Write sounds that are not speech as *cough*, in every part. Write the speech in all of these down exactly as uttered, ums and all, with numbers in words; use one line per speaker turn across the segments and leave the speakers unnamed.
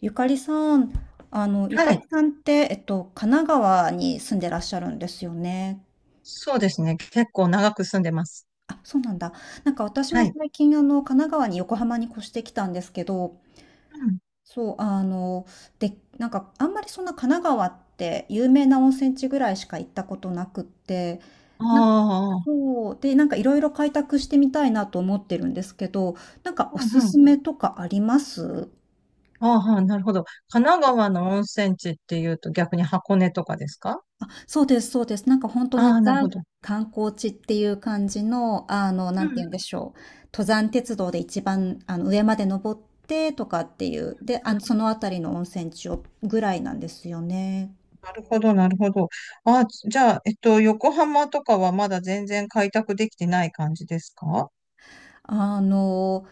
ゆかりさん、あの、ゆか
は
り
い。
さんって、えっと、神奈川に住んでらっしゃるんですよね。
そうですね。結構長く住んでます。
あ、そうなんだ。なんか私
は
も
い。
最近、あの、神奈川に横浜に越してきたんですけど、
うん。
そう、あの、で、なんか、あんまりそんな神奈川って有名な温泉地ぐらいしか行ったことなくって、
あ
なん
あ、
そう、で、なんかいろいろ開拓してみたいなと思ってるんですけど、なんかお
う
す
んう
す
ん。
めとかあります？
ああ、なるほど。神奈川の温泉地っていうと逆に箱根とかですか？
そうです、そうです。なんか本当
あ
に
あ、なる
ザ
ほど。
観光地っていう感じの、あの、な
う
んて
んう
言うんで
ん
しょう。登山鉄道で一番、あの、上まで登ってとかっていう。で、
うん。
あの、そのあたりの温泉地をぐらいなんですよね。
なるほど、なるほど。ああ、じゃあ、えっと、横浜とかはまだ全然開拓できてない感じですか？
あの、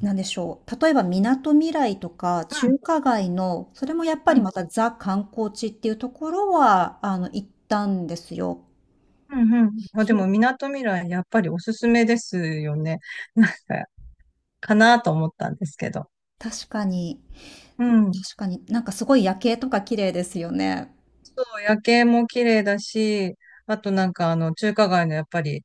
なんでしょう。例えば、みなとみらいとか、
うん
中華街の、それもやっぱ
う
り
ん
またザ観光地っていうところは、あの、行ったんですよ。
うんうん。まあ、で
そ
も、
う。
みなとみらい、やっぱりおすすめですよね。なんか、かなと思ったんですけど。
確かに、
うん。
確かになんかすごい夜景とか綺麗ですよね。
夜景も綺麗だし、あとなんかあの中華街のやっぱり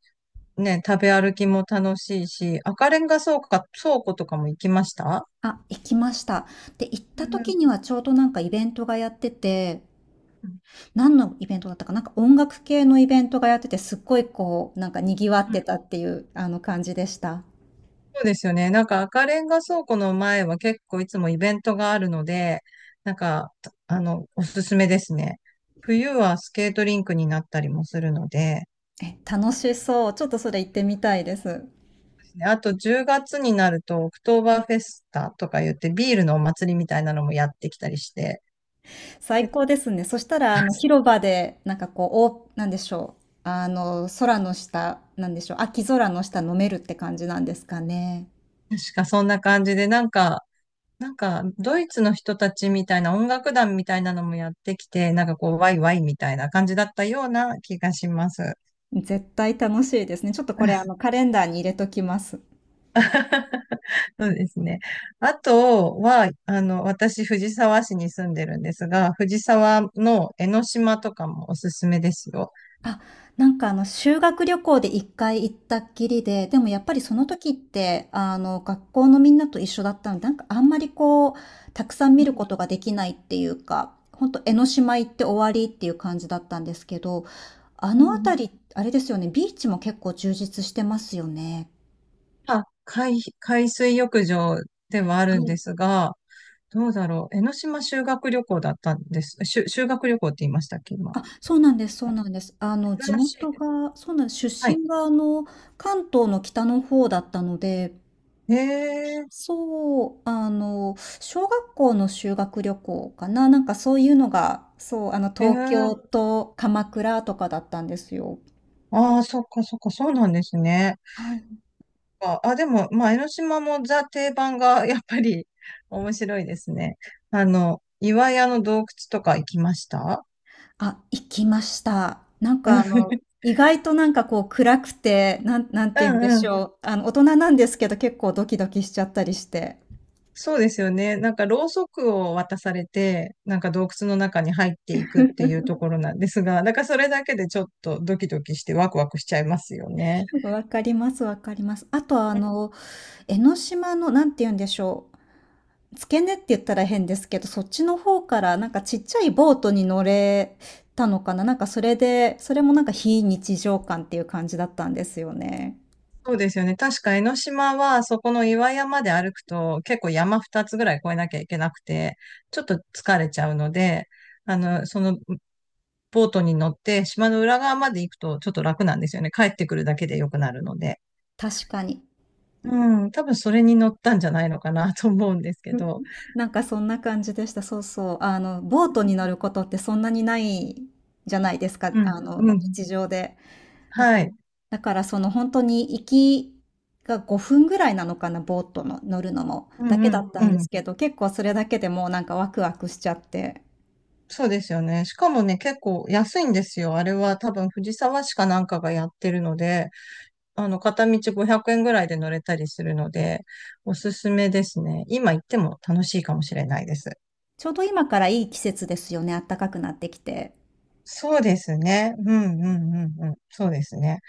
ね、食べ歩きも楽しいし、赤レンガ倉庫か、倉庫とかも行きました？
あ、行きました。で、行っ
う
た
ん
時にはちょうどなんかイベントがやってて、
うん
何のイベントだったかななんか音楽系のイベントがやってて、すっごいこう、なんか賑わっ
う
て
ん。
たっていう、あの感じでした。
そうですよね。なんか赤レンガ倉庫の前は結構いつもイベントがあるので、なんか、あの、おすすめですね。冬はスケートリンクになったりもするので、
え、楽しそう。ちょっとそれ行ってみたいです。
あとじゅうがつになるとオクトーバーフェスタとか言ってビールのお祭りみたいなのもやってきたりして、
最高ですね。そしたら、あの、
*laughs*
広場で、なんかこう、お、なんでしょう。あの、空の下、なんでしょう。秋空の下飲めるって感じなんですかね。
確かそんな感じで、なんか、なんか、ドイツの人たちみたいな音楽団みたいなのもやってきて、なんかこう、ワイワイみたいな感じだったような気がします。
絶対楽しいですね。ちょっとこれ、あの、カレンダーに入れときます。
*laughs* そうですね。あとは、あの、私、藤沢市に住んでるんですが、藤沢の江ノ島とかもおすすめですよ。
あ、なんかあの修学旅行でいっかい行ったっきりで、でもやっぱりその時って、あの学校のみんなと一緒だったので、なんかあんまりこう、たくさん
う
見るこ
ん
とができないっていうか、ほんと江ノ島行って終わりっていう感じだったんですけど、あ
う
の
ん。
辺り、あれですよね、ビーチも結構充実してますよね。
あ、海、海水浴場ではあ
は
るんで
い。
すが、どうだろう。江ノ島修学旅行だったんです。しゅ、修学旅行って言いましたっけ、今。
あ、そうなんです、そうなんです。あの、地
珍しいで
元
すね。
が、そうなんです。
は
出
い。
身が、あの、関東の北の方だったので、
ええ、
そう、あの、小学校の修学旅行かな、なんかそういうのが、そう、あの、
え
東
え、
京と鎌倉とかだったんですよ。
ああ、そっかそっか、そうなんですね。
はい。
あ、あでも、まあ、江ノ島もザ定番がやっぱり面白いですね。あの、岩屋の洞窟とか行きました？
あ、行きました。なん
う
かあの、
ん *laughs*
意外となんかこう暗くて、なん、なん
う
て言うん
ん
で
う
し
ん。
ょう。あの、大人なんですけど結構ドキドキしちゃったりして。
そうですよね。なんか、ろうそくを渡されて、なんか洞窟の中に入っていくっていうところなんですが、だからそれだけでちょっとドキドキしてワクワクしちゃいますよね。
*laughs* わかります、わかります。あとあの、江ノ島の、なんて言うんでしょう。付け根って言ったら変ですけど、そっちの方からなんかちっちゃいボートに乗れたのかななんかそれで、それもなんか非日常感っていう感じだったんですよね。
そうですよね。確か江ノ島は、そこの岩山で歩くと、結構山ふたつぐらい越えなきゃいけなくて、ちょっと疲れちゃうので、あの、その、ボートに乗って島の裏側まで行くとちょっと楽なんですよね。帰ってくるだけで良くなるので。
確かに。
うん、多分それに乗ったんじゃないのかなと思うんですけど。
*laughs* なんかそんな感じでした。そうそう。あの、ボートに乗ることってそんなにないじゃないですか。
うん、
あの、
うん、
日常で。だか
は
ら、
い。
だからその本当に行きがごふんぐらいなのかな、ボートの乗るのも。
う
だ
ん
け
う
だ
ん、
った
う
んで
ん。
すけど、結構それだけでもうなんかワクワクしちゃって。
そうですよね。しかもね、結構安いんですよ。あれは多分藤沢市かなんかがやってるので、あの、片道ごひゃくえんぐらいで乗れたりするので、おすすめですね。今行っても楽しいかもしれないです。
ちょうど今からいい季節ですよね、暖かくなってきて。
そうですね。うんうんうんうん。そうですね。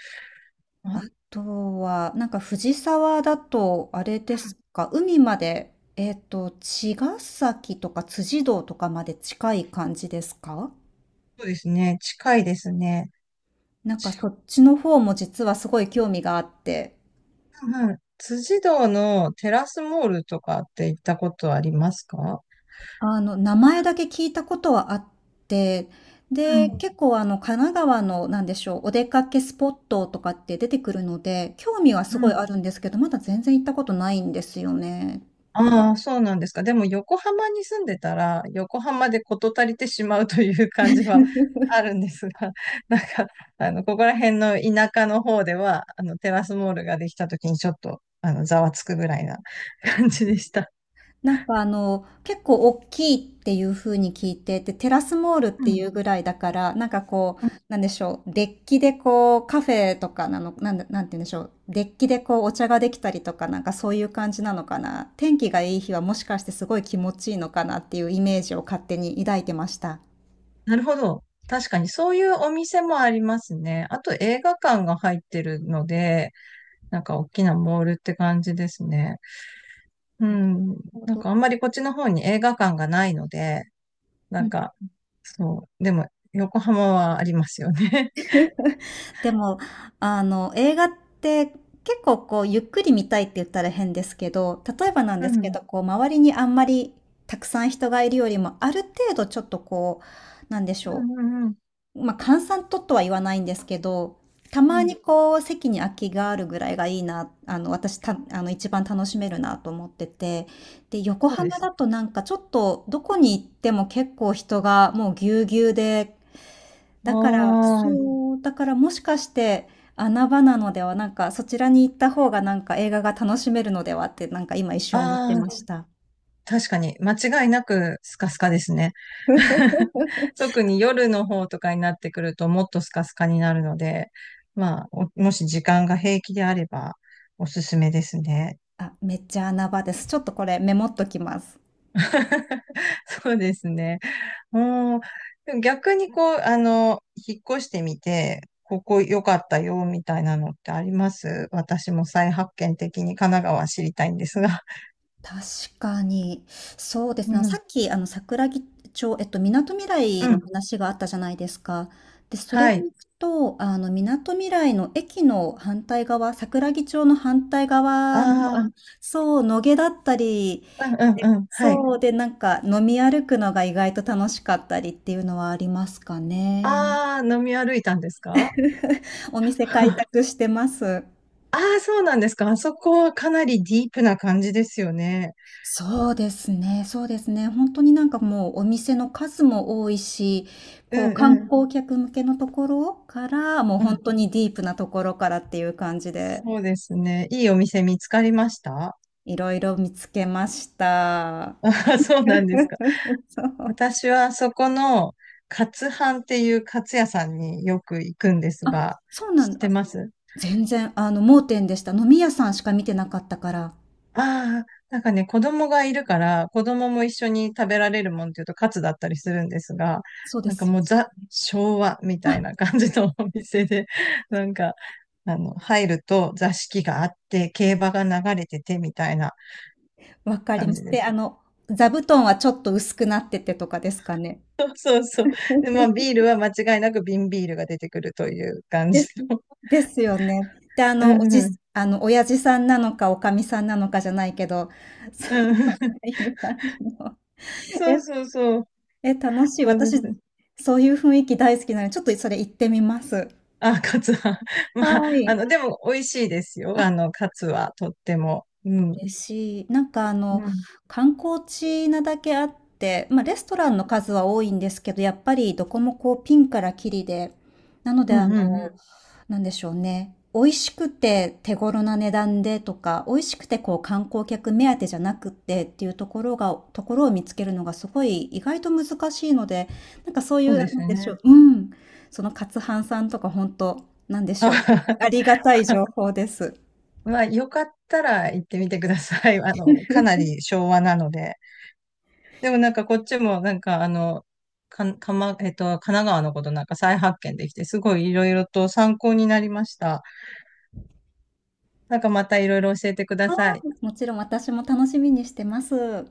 あ、
あとは、なんか藤沢だと、あれですか、海まで、えっと、茅ヶ崎とか辻堂とかまで近い感じですか？
そうですね。近いですね。
なんかそっちの方も実はすごい興味があって、
うんうん。辻堂のテラスモールとかって行ったことありますか？
あの、名前だけ聞いたことはあって、
う
で、
ん。
結構あの、神奈川の、なんでしょう、お出かけスポットとかって出てくるので、興味は
う
すごい
ん。
あるんですけど、まだ全然行ったことないんですよね。
ああ、そうなんですか。でも横浜に住んでたら、横浜で事足りてしまうという感じはあるんですが、*laughs* なんか、あの、ここら辺の田舎の方では、あの、テラスモールができた時にちょっと、あの、ざわつくぐらいな *laughs* 感じでした。
なんかあの、結構大きいっていう風に聞いて、で、テラスモールっ
う
てい
ん。
うぐらいだから、なんかこう、
うん。
なんでしょう、デッキでこう、カフェとかなの、なんだ、なんて言うんでしょう、デッキでこう、お茶ができたりとか、なんかそういう感じなのかな。天気がいい日はもしかしてすごい気持ちいいのかなっていうイメージを勝手に抱いてました。
なるほど。確かにそういうお店もありますね。あと映画館が入ってるので、なんか大きなモールって感じですね。うん。
なるほ
なん
ど。
かあんまりこっちの方に映画館がないので、なんか、そう。でも、横浜はありますよね。*laughs*
でも、あの、映画って結構こう、ゆっくり見たいって言ったら変ですけど、例えばなん
う
ですけ
ん。
ど、こう、周りにあんまりたくさん人がいるよりも、ある程度ちょっとこう、なんでし
う
ょ
んうんうん。
う。まあ、閑散ととは言わないんですけど、た
う
まに
ん。
こう、席に空きがあるぐらいがいいな、あの、私た、あの、一番楽しめるなと思ってて、で、横
そうで
浜
すね。
だとなんかちょっと、どこに行っても結構人がもうぎゅうぎゅうで、
あ
だから、
ー
そう、だからもしかして、穴場なのでは、なんかそちらに行った方がなんか映画が楽しめるのではって、なんか今一瞬思って
あ
ま
ー、
した。
確かに、間違いなくスカスカですね。*laughs*
*laughs*
特に夜の方とかになってくると、もっとスカスカになるので、まあ、おもし時間が平気であれば、おすすめですね。
あ、めっちゃ穴場です。ちょっとこれメモっときます。
*laughs* そうですね。うん。でも逆にこう、あの、引っ越してみて、ここ良かったよ、みたいなのってあります？私も再発見的に神奈川知りたいんですが。
確かに、そうです
う
ね。さ
ん。
っき、あの、桜木町、えっと、みなとみらい
う
の
ん。
話があったじゃないですか。で、それ
は
で
い。
いくと、あの、みなとみらいの駅の反対側、桜木町の反対側の、あ
あ
のそう、野毛だったり、
あ、うんうんうん。はい。
そうで、なんか飲み歩くのが意外と楽しかったりっていうのはありますかね。
ああ、飲み歩いたんですか？
*laughs* お店開
あ
拓
*laughs*
してます。
あー、そうなんですか。あそこはかなりディープな感じですよね。
そうですね、そうですね。本当になんかもうお店の数も多いし、
う
こ
ん
う観
うん。
光客向けのところから、もう
う
本
ん。
当にディープなところからっていう感じで、
そうですね。いいお店見つかりました？
いろいろ見つけました。
*laughs* あ、そうなんですか。
*laughs* そう。
私はそこの、カツ飯っていうカツ屋さんによく行くんです
あ、
が、
そうな
知っ
ん
て
だ。
ます？
全然、あの、盲点でした。飲み屋さんしか見てなかったから。
ああー、なんかね、子供がいるから、子供も一緒に食べられるもんっていうとカツだったりするんですが、
そうで
なんか
すよ
もう
ね。
ザ・昭和みたいな感じのお店で、なんか、あの、入ると座敷があって、競馬が流れててみたいな
わかり
感
ま
じ
す。
で
で、
す。
あの、座布団はちょっと薄くなっててとかですかね。
そうそうそう。で、まあ、
*laughs*
ビールは間違いなく瓶ビールが出てくるという感
で
じ
す。
の。
ですよね。で、あ
う
の、お
ん
じ、
うん。
あの、親父さんなのか、おかみさんなのかじゃないけど、*laughs* そ
う
う、
ん。
いる感じの。
そ
え、
うそうそう。
え、楽しい。
そうで
私、
す。
そういう雰囲気大好きなので、ちょっとそれ行ってみます。
あ、カツは。*laughs* まあ、
は
あ
い。
の、でも美味しいですよ。あの、カツはとっても。う
嬉
ん。
しい。なんかあ
う
の、
ん。
観光地なだけあって、まあレストランの数は多いんですけど、やっぱりどこもこうピンからキリで、なの
う
であ
んうんう
の、
ん。
なんでしょうね。美味しくて手頃な値段でとか、美味しくてこう観光客目当てじゃなくってっていうところが、ところを見つけるのがすごい意外と難しいので、なんかそうい
そう
う、な
です
んでしょ
ね。
う。うん。そのカツハンさんとか本当、なんでしょう。
あ
ありがたい情報です。
*laughs* まあ、よかったら行ってみてください。*laughs* あの、かなり昭和なので。でもなんかこっちもなんかあの、か、かま、えっと、神奈川のことなんか再発見できて、すごいいろいろと参考になりました。なんかまたいろいろ教えてくだ
あ
さい。
ーもちろん私も楽しみにしてます。